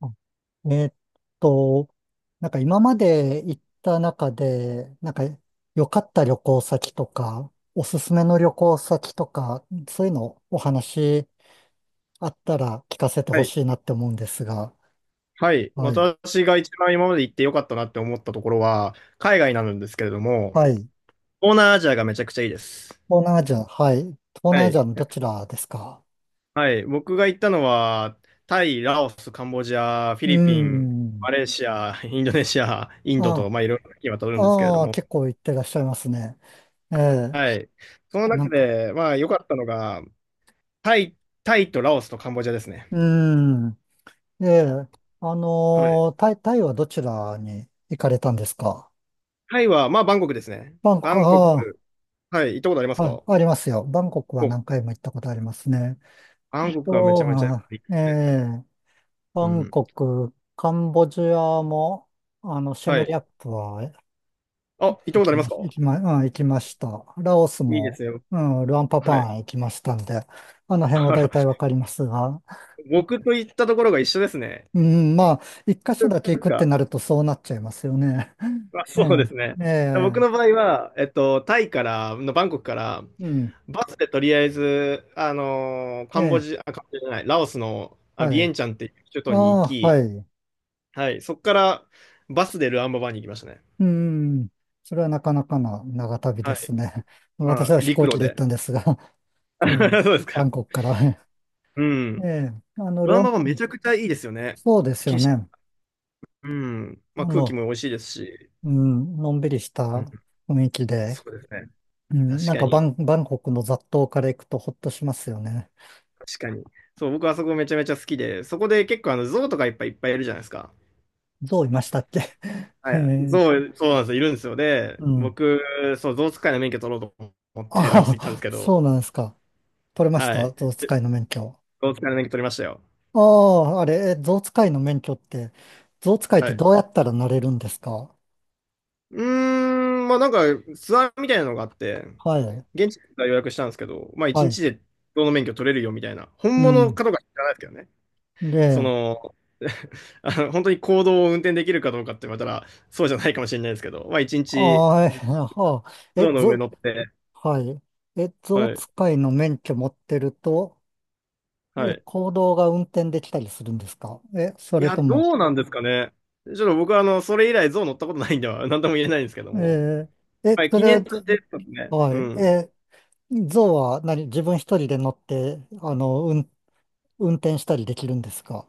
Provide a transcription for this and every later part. あえーっと、なんか今まで行った中で、なんか良かった旅行先とか、おすすめの旅行先とか、そういうのお話あったら聞かせてはほい。しいなって思うんですが、はい。はい。私が一番今まで行ってよかったなって思ったところは、海外なんですけれども、はい。東南アジアがめちゃくちゃいいです。東南アジア、はい。東は南アジい。アのどちらですか？はい。僕が行ったのは、タイ、ラオス、カンボジア、フィうーリピン、マん。レーシア、インドネシア、インドと、あまあ、いろいろ今渡るあ、んですけれどああ、も、結構行ってらっしゃいますね。ええ、はい。そのな中んか、で、まあ、良かったのが、タイ、タイとラオスとカンボジアですうね。ーん。ええ、はい。タイはどちらに行かれたんですか？タイは、まあ、バンコクですね。バンコバク、ンコあク、はい。行ったことありますあ、はい、か？ありますよ。バンコクはお、何回も行ったことありますね。バあンコクはめちと、ゃめちゃいあ、いでえすね。え、うバンん。コク、カンボジアも、シェはムリい。アップはあ、行った行ことあきりまま、すか？行きま、うん、行きました。ラオスいいでも、すよ。うん、ルアンパパはい。ン行きましたんで、あの 辺はあ大ら、体わかりますが、僕と行ったところが一緒ですね。うん、まあ、一箇所だでけす行くってか。なるとそうなっちゃいますよね。まあ、えそうでえ、すね。え僕のえ、場合は、タイから、のバンコクから、うん。バスでとりあえず、えカンボえ。ジア、あカンボジアじゃない、ラオスのあはビエい。ンチャンっていう首あ都に行あ、はき、い。はい、そこからバスでルアンババに行きましたね。うん。それはなかなかな長旅ではすい。ね。ま私あ、は飛陸行機路で行っで。たんですが、ええ。そうですバか。ンコクから。うん。ええ。あの、ルルアアンババめン、ちゃくちゃいいですよね。そうですよ景色、ね。うん。まああ、空気の、も美味しいですし。うん、のんびりした雰囲気で、そうですね。うん、確なんかかに、バンコクの雑踏から行くとほっとしますよね。確かに。そう、僕はそこめちゃめちゃ好きで、そこで結構あの、象とかいっぱいいっぱいいるじゃないですか。ゾウいましたっけ？ はえい。え、象、そうなんですよ、いるんですよ。で、うん。僕、そう、象使いの免許取ろうと思ってラオスあ行ったんですあ、けそど、うなんですか。取れましはた、い。ゾウで使いの免許。象使いの免許取りましたよ。ああ、あれ、え、象使いの免許って、象使いっはてい。どうやったらなれるんですか？うーまあなんか、ツアーみたいなのがあって、はい、現地から予約したんですけど、まあ一は日い、で象の免許取れるよみたいな、う本物ん。かどうか知らないですけどね。そで、の、あの本当に公道を運転できるかどうかって言われたら、そうじゃないかもしれないですけど、まあ一日、ああ、え、はあ、え、象の上象、乗って、はい。え、象はい、使いの免許持ってると、はえ、い。行動が運転できたりするんですか？え、そいれや、とも、どうなんですかね。ちょっと僕はあの、それ以来象乗ったことないんでは、なんとも言えないんですけども。ええ、はい、そ記れは、念として、ですね。はうい、ん。え、象は何、自分一人で乗って、運転したりできるんですか？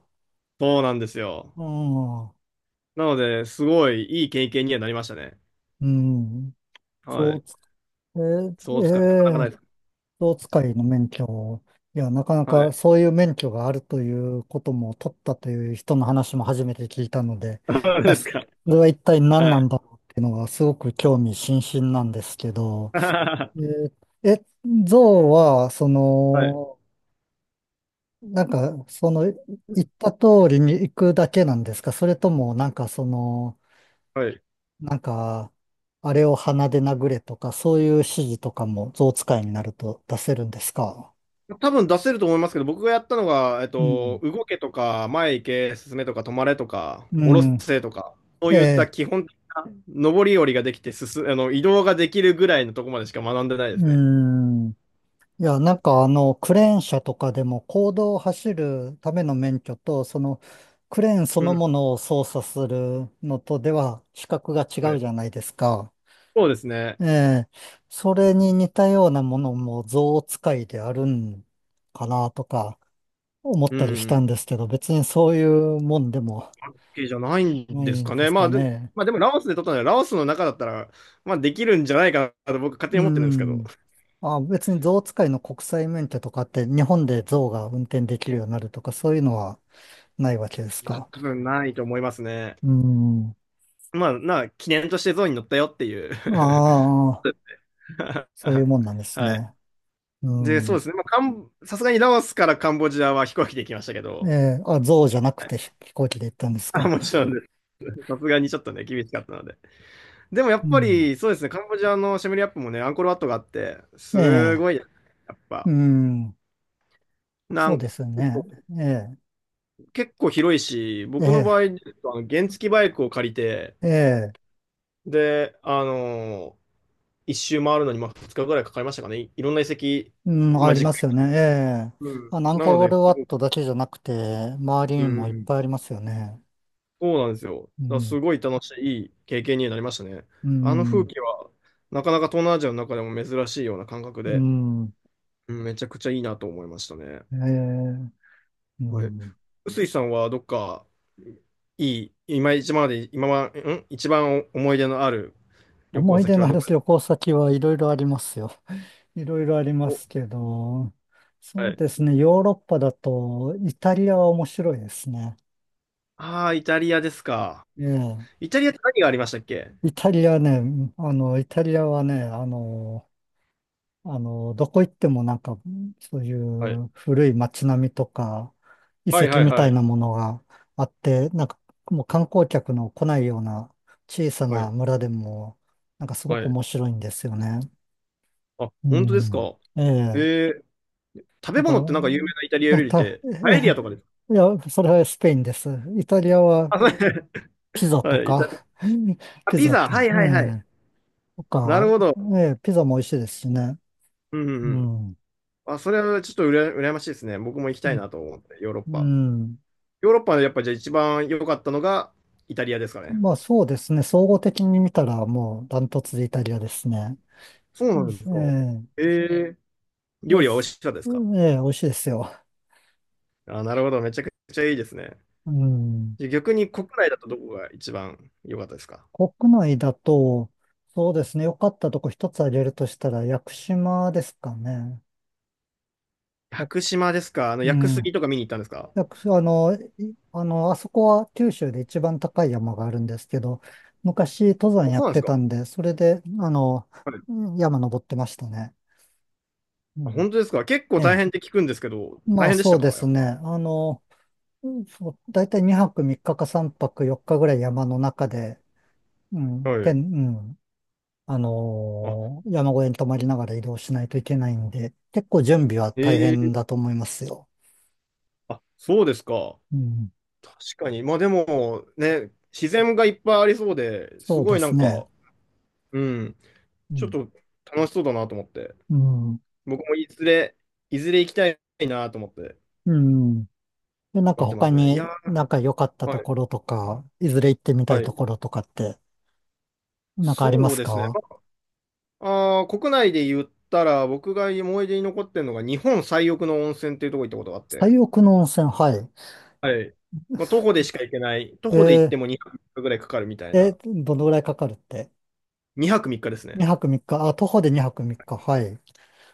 そうなんですよ。うん、なので、すごいいい経験にはなりましたね。うん。はい。象えー、象使い、なかなかえないー、です。象使いの免許を、いや、なかなはかい。そういう免許があるということも取ったという人の話も初めて聞いたので、そういや、ですそか。れは一体何はなんい。だろうっていうのがすごく興味津々なんですけど、え ー、え、象は、そはい。の、なんか、その、言った通りに行くだけなんですか？それとも、なんかその、はい。なんか、あれを鼻で殴れとか、そういう指示とかも象使いになると出せるんですか？多分出せると思いますけど、僕がやったのが、うん。動けとか、前行け、進めとか、止まれとか、う下ろん。せとか、そうえいったえ。基本的な上り下りができて進、あの、移動ができるぐらいのとこまでしか学んでないですうね。ん。いや、なんかあの、クレーン車とかでも、公道を走るための免許と、その、クレーンそうのん。ものを操作するのとでは、資格が違はうい。じゃないですか。そうですね。ええ。それに似たようなものも、象使いであるんかなとか、思っうんたりしうたん。んですけど、別にそういうもんでも OK じゃないんなでいすんかでね。すまかあ、で、ね。まあ、でもラオスで取ったので、ラオスの中だったら、まあ、できるんじゃないかなと僕勝手うに思ってるんですけど。ん。あ、別に象使いの国際免許とかって日本で象が運転できるようになるとかそういうのはないわけですまあ、か。多分ないと思いますね。うん。まあ、な、記念としてゾウに乗ったよっていう。ああ、そういうもんなんですはい。ね。うで、そうん。ですね。まあ、カンさすがにラオスからカンボジアは飛行機で行きましたけど、ええ、あ、象じゃなくはいて飛行機で行ったんですあ、か。もちろんです。さすがにちょっとね、厳しかったので。でもやうっぱん。り、そうですね、カンボジアのシェムリアップもね、アンコールワットがあって、えすえ、ごい、やっうぱ、ん。なそうんですよね。ええ、結構広いし、僕の場合、えあえ、の原付バイクを借りて、ええ、で、あのー一周回るのに、まあ、2日ぐらいかかりましたかね。い、いろんな遺跡、うん、あまあ、りじっまくりすよね。やっえて。え、うん。あの、アンなのコーで、ルワットだけじゃなくて、周りうにもいっん、ぱいありますよね。そうなんですよ。うだからん。すごい楽しい、いい経験になりましたね。うあの風ん。景は、なかなか東南アジアの中でも珍しいような感覚うで、ん。うんめちゃくちゃいいなと思いましたね。ええ、うはい。ん。臼井さんはどっか、いい、今一番まで、今は、ん一番思い出のある旅思行い出先のはあどるこです旅か？行先はいろいろありますよ。いろいろありまお、すけど、はそうい。ですね、ヨーロッパだとイタリアは面白いですね。ああ、イタリアですか。ええ、イタリアって何がありましたっけ？イタリアはね、どこ行ってもなんか、そういはい。う古い街並みとか、遺はい跡はいみたはいい。なものがあって、なんかもう観光客の来ないような小さはない。村でも、なんかすごはくい。面白いんですよね。あ、う本当ですん。か。えええ。ー、食べな物ってなんか有名んなイタリア料か、た、理ったて、パエリアええ、とかですか？いや、それはスペインです。イタリアはあ、そうピザとはい、イタか、リ アあ、ピピザザ、と、はいえはいはい。え、となるか、ほど。ええ、ピザも美味しいですしね。うんうんううん。ん。あ、それはちょっとうら羨ましいですね。僕も行きうたいん。なと思って、ヨーロッパ。うん、ヨーロッパでやっぱじゃあ一番良かったのがイタリアですかね。まあそうですね。総合的に見たらもうダントツでイタリアですね。そううなん、んですか。ええー、え、料で理は美味す。しかったですうか？ん、ええ、美味しいですよ。あ、なるほど。めちゃくちゃいいですね。うん。じゃあ逆に国内だとどこが一番良かったですか？国内だと、そうですね。良かったとこ一つ挙げるとしたら、屋久島ですかね。屋や久島ですか？あの、う屋久杉ん。とか見に行ったんですか？屋久あの、いあの、あそこは九州で一番高い山があるんですけど、昔登山あ、やそうっなんですてか。たんで、それで、はい。うん、山登ってましたね。うあ、ん。本当ですか？結構え大え。変って聞くんですけど、大まあ変でしそたうでかやすっね。ぱ。うん、そう、だいたい2泊3日か3泊4日ぐらい山の中で、うはん、い。うん、あ、山小屋に泊まりながら移動しないといけないんで、結構準備は大ええ。変だと思いますよ。あ、そうですか。うん、確かに。まあでも、ね、自然がいっぱいありそうで、すそうごでいなすんね。か、うん、うちょっん、と楽しそうだなと思って。うん、僕もいずれ、いずれ行きたいなと思って、うん。で、なんか思ってま他すね。いや、になんか良かったとはい、ころとか、いずれ行ってみたいはい。ところとかって、なんかありまそうすですね。か？まあ、あー国内で言ったら、僕が思い出に残ってるのが、日本最奥の温泉っていうとこ行ったことがあって、最奥の温泉、はい。はい。まあ、徒歩でしか行けない、徒歩で行っえても2泊3日ぐらいかかるみたいー、え、な、どのぐらいかかるって？ 2泊3日です 2 ね。泊3日、あ、徒歩で2泊3日、はい。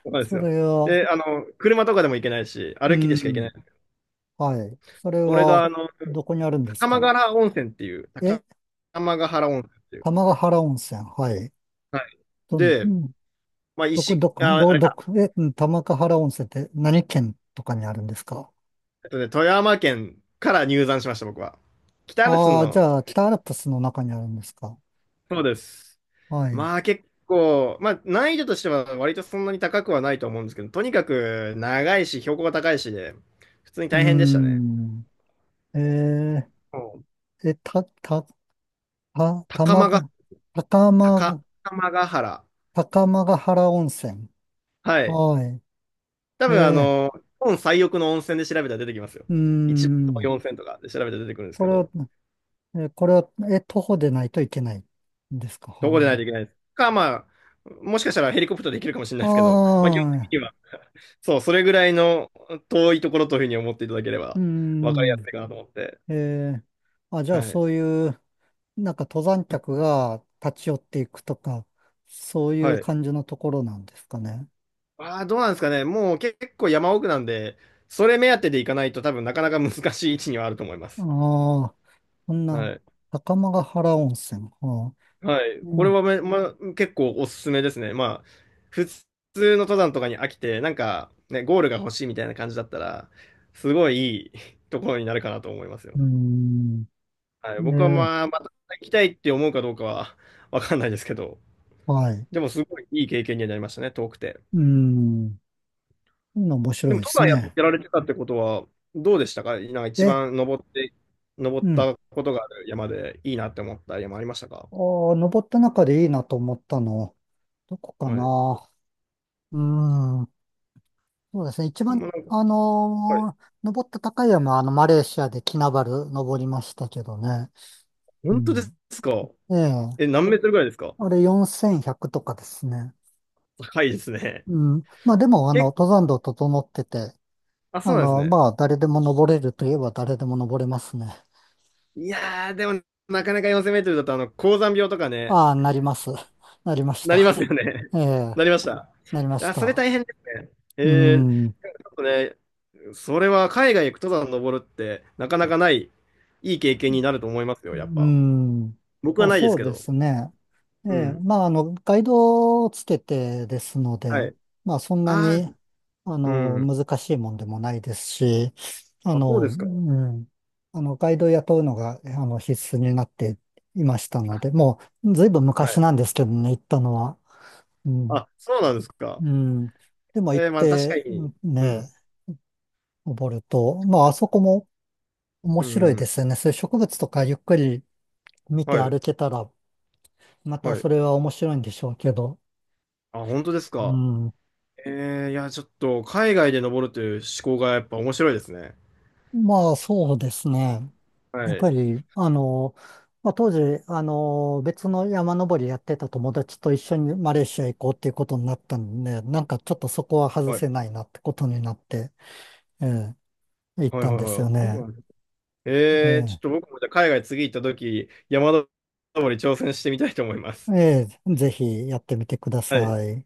そうなんですそよ。れは、で、あの、車とかでも行けないし、う歩きでしか行けなん、い。はい。それ俺が、は、あの、どこにあるんです高間か？原温泉っていう、え、高間ヶ原温泉っていう。玉ヶ原温泉、はい。はい。うで、ん、まあ、石、あ、あれどか、こ、うん、玉ヶ原温泉って何県とかにあるんですか？富山県から入山しました、僕は。北アルプスああー、じの、ゃあ、北アルプスの中にあるんですか？そうです。はい。うまあ、結構、まあ、難易度としては割とそんなに高くはないと思うんですけど、とにかく長いし、標高が高いしで、普通にー大変でしたね。ん。えうんー、え、た、た、た、高玉間が、が、高高、間、高間ヶ原。高間ヶ原温泉。はい。は多い。分、あえの、日本最奥の温泉で調べたら出てきますよ。ー、うー一番遠いん。温泉とかで調べたら出てくるんですこけれはど、え、これは、え、徒歩でないといけないんですか？どこはでないといい。けないです。か、まあ、もしかしたらヘリコプターで行けるかもしれなあいですけど、まあ、基本的にあ、は、そう、それぐらいの遠いところというふうに思っていただけれうば分かりやすん。いかなと思って。えーあ、じゃあはい。そういう、なんか登山うん客が立ち寄っていくとか、そういはうい。感じのところなんですかね。ああ、どうなんですかね。もう結構山奥なんで、それ目当てで行かないと多分なかなか難しい位置にはあると思いまあす。あ、そんな、はい。高間原温泉。はあ、はい。うこれん、はめ、ま、結構おすすめですね。まあ、普通の登山とかに飽きて、なんか、ね、ゴールが欲しいみたいな感じだったら、すごいいいところになるかなと思いますよ。うん。はい、え僕はーまあ、また行きたいって思うかどうかは わかんないですけど、はい。うでもすごいいい経験にはなりましたね、遠くて。ん。面白でいも、で登す山やっね。てられてたってことは、どうでしたかなんか一え、番登って、登っうん。たことがある山でいいなって思った山ありましたか？ああ、登った中でいいなと思ったの、どこかはい。な。うーん、そうですね。一もう番、なんか、はい。登った高い山は、マレーシアでキナバル登りましたけどね。う本当でん。すか？ええ、え、何メートルぐらいですか？あれ4100とかですね。高いですね。うん。まあでも、結構、登山道整ってて、あ、そうなんですね。まあ、誰でも登れるといえば誰でも登れますね。いやー、でも、なかなか4000メートルだと、あの、高山病とかね、ああ、なります。なりましなりまた。すよね。え え、なりました。なりましあ、それた。大変ですね。うえん。ね、それは海外行く登山登るってなかなかない、いい経験になると思いますよ、やっうぱ。ん。僕まはあないでそすうけでど。すね。えうえ、ん。まあ、ガイドをつけてですのはで、い。まあそんなああ、に、うん。難しいもんでもないですし、ああ、そうの、でうすか。ん、ガイドを雇うのが、必須になっていましたので、あもう、ずいぶんは昔い。なんですけどね、行ったのは。うん、あ、そうなんですか。うん。でも行っえー、まあ確かて、うに。んうね、ん。登ると、まああそこも面う白いでん。すよね。そういう植物とかゆっくり見てはい。歩けたら、またはい。それは面白いんでしょうけど。あ、本当ですうか。ん。えー、いや、ちょっと海外で登るという思考がやっぱ面白いですね。まあそうですね。やっはい。ぱり、まあ、当時、別の山登りやってた友達と一緒にマレーシア行こうっていうことになったんで、なんかちょっとそこは外はい。せないなってことになって、ええ、行っはいたはんいですはよい。そうね。なんですね？ええー、ちょえ、っと僕もじゃあ海外次行った時、山登り挑戦してみたいと思います。ええ、ぜひやってみてくだはいさい。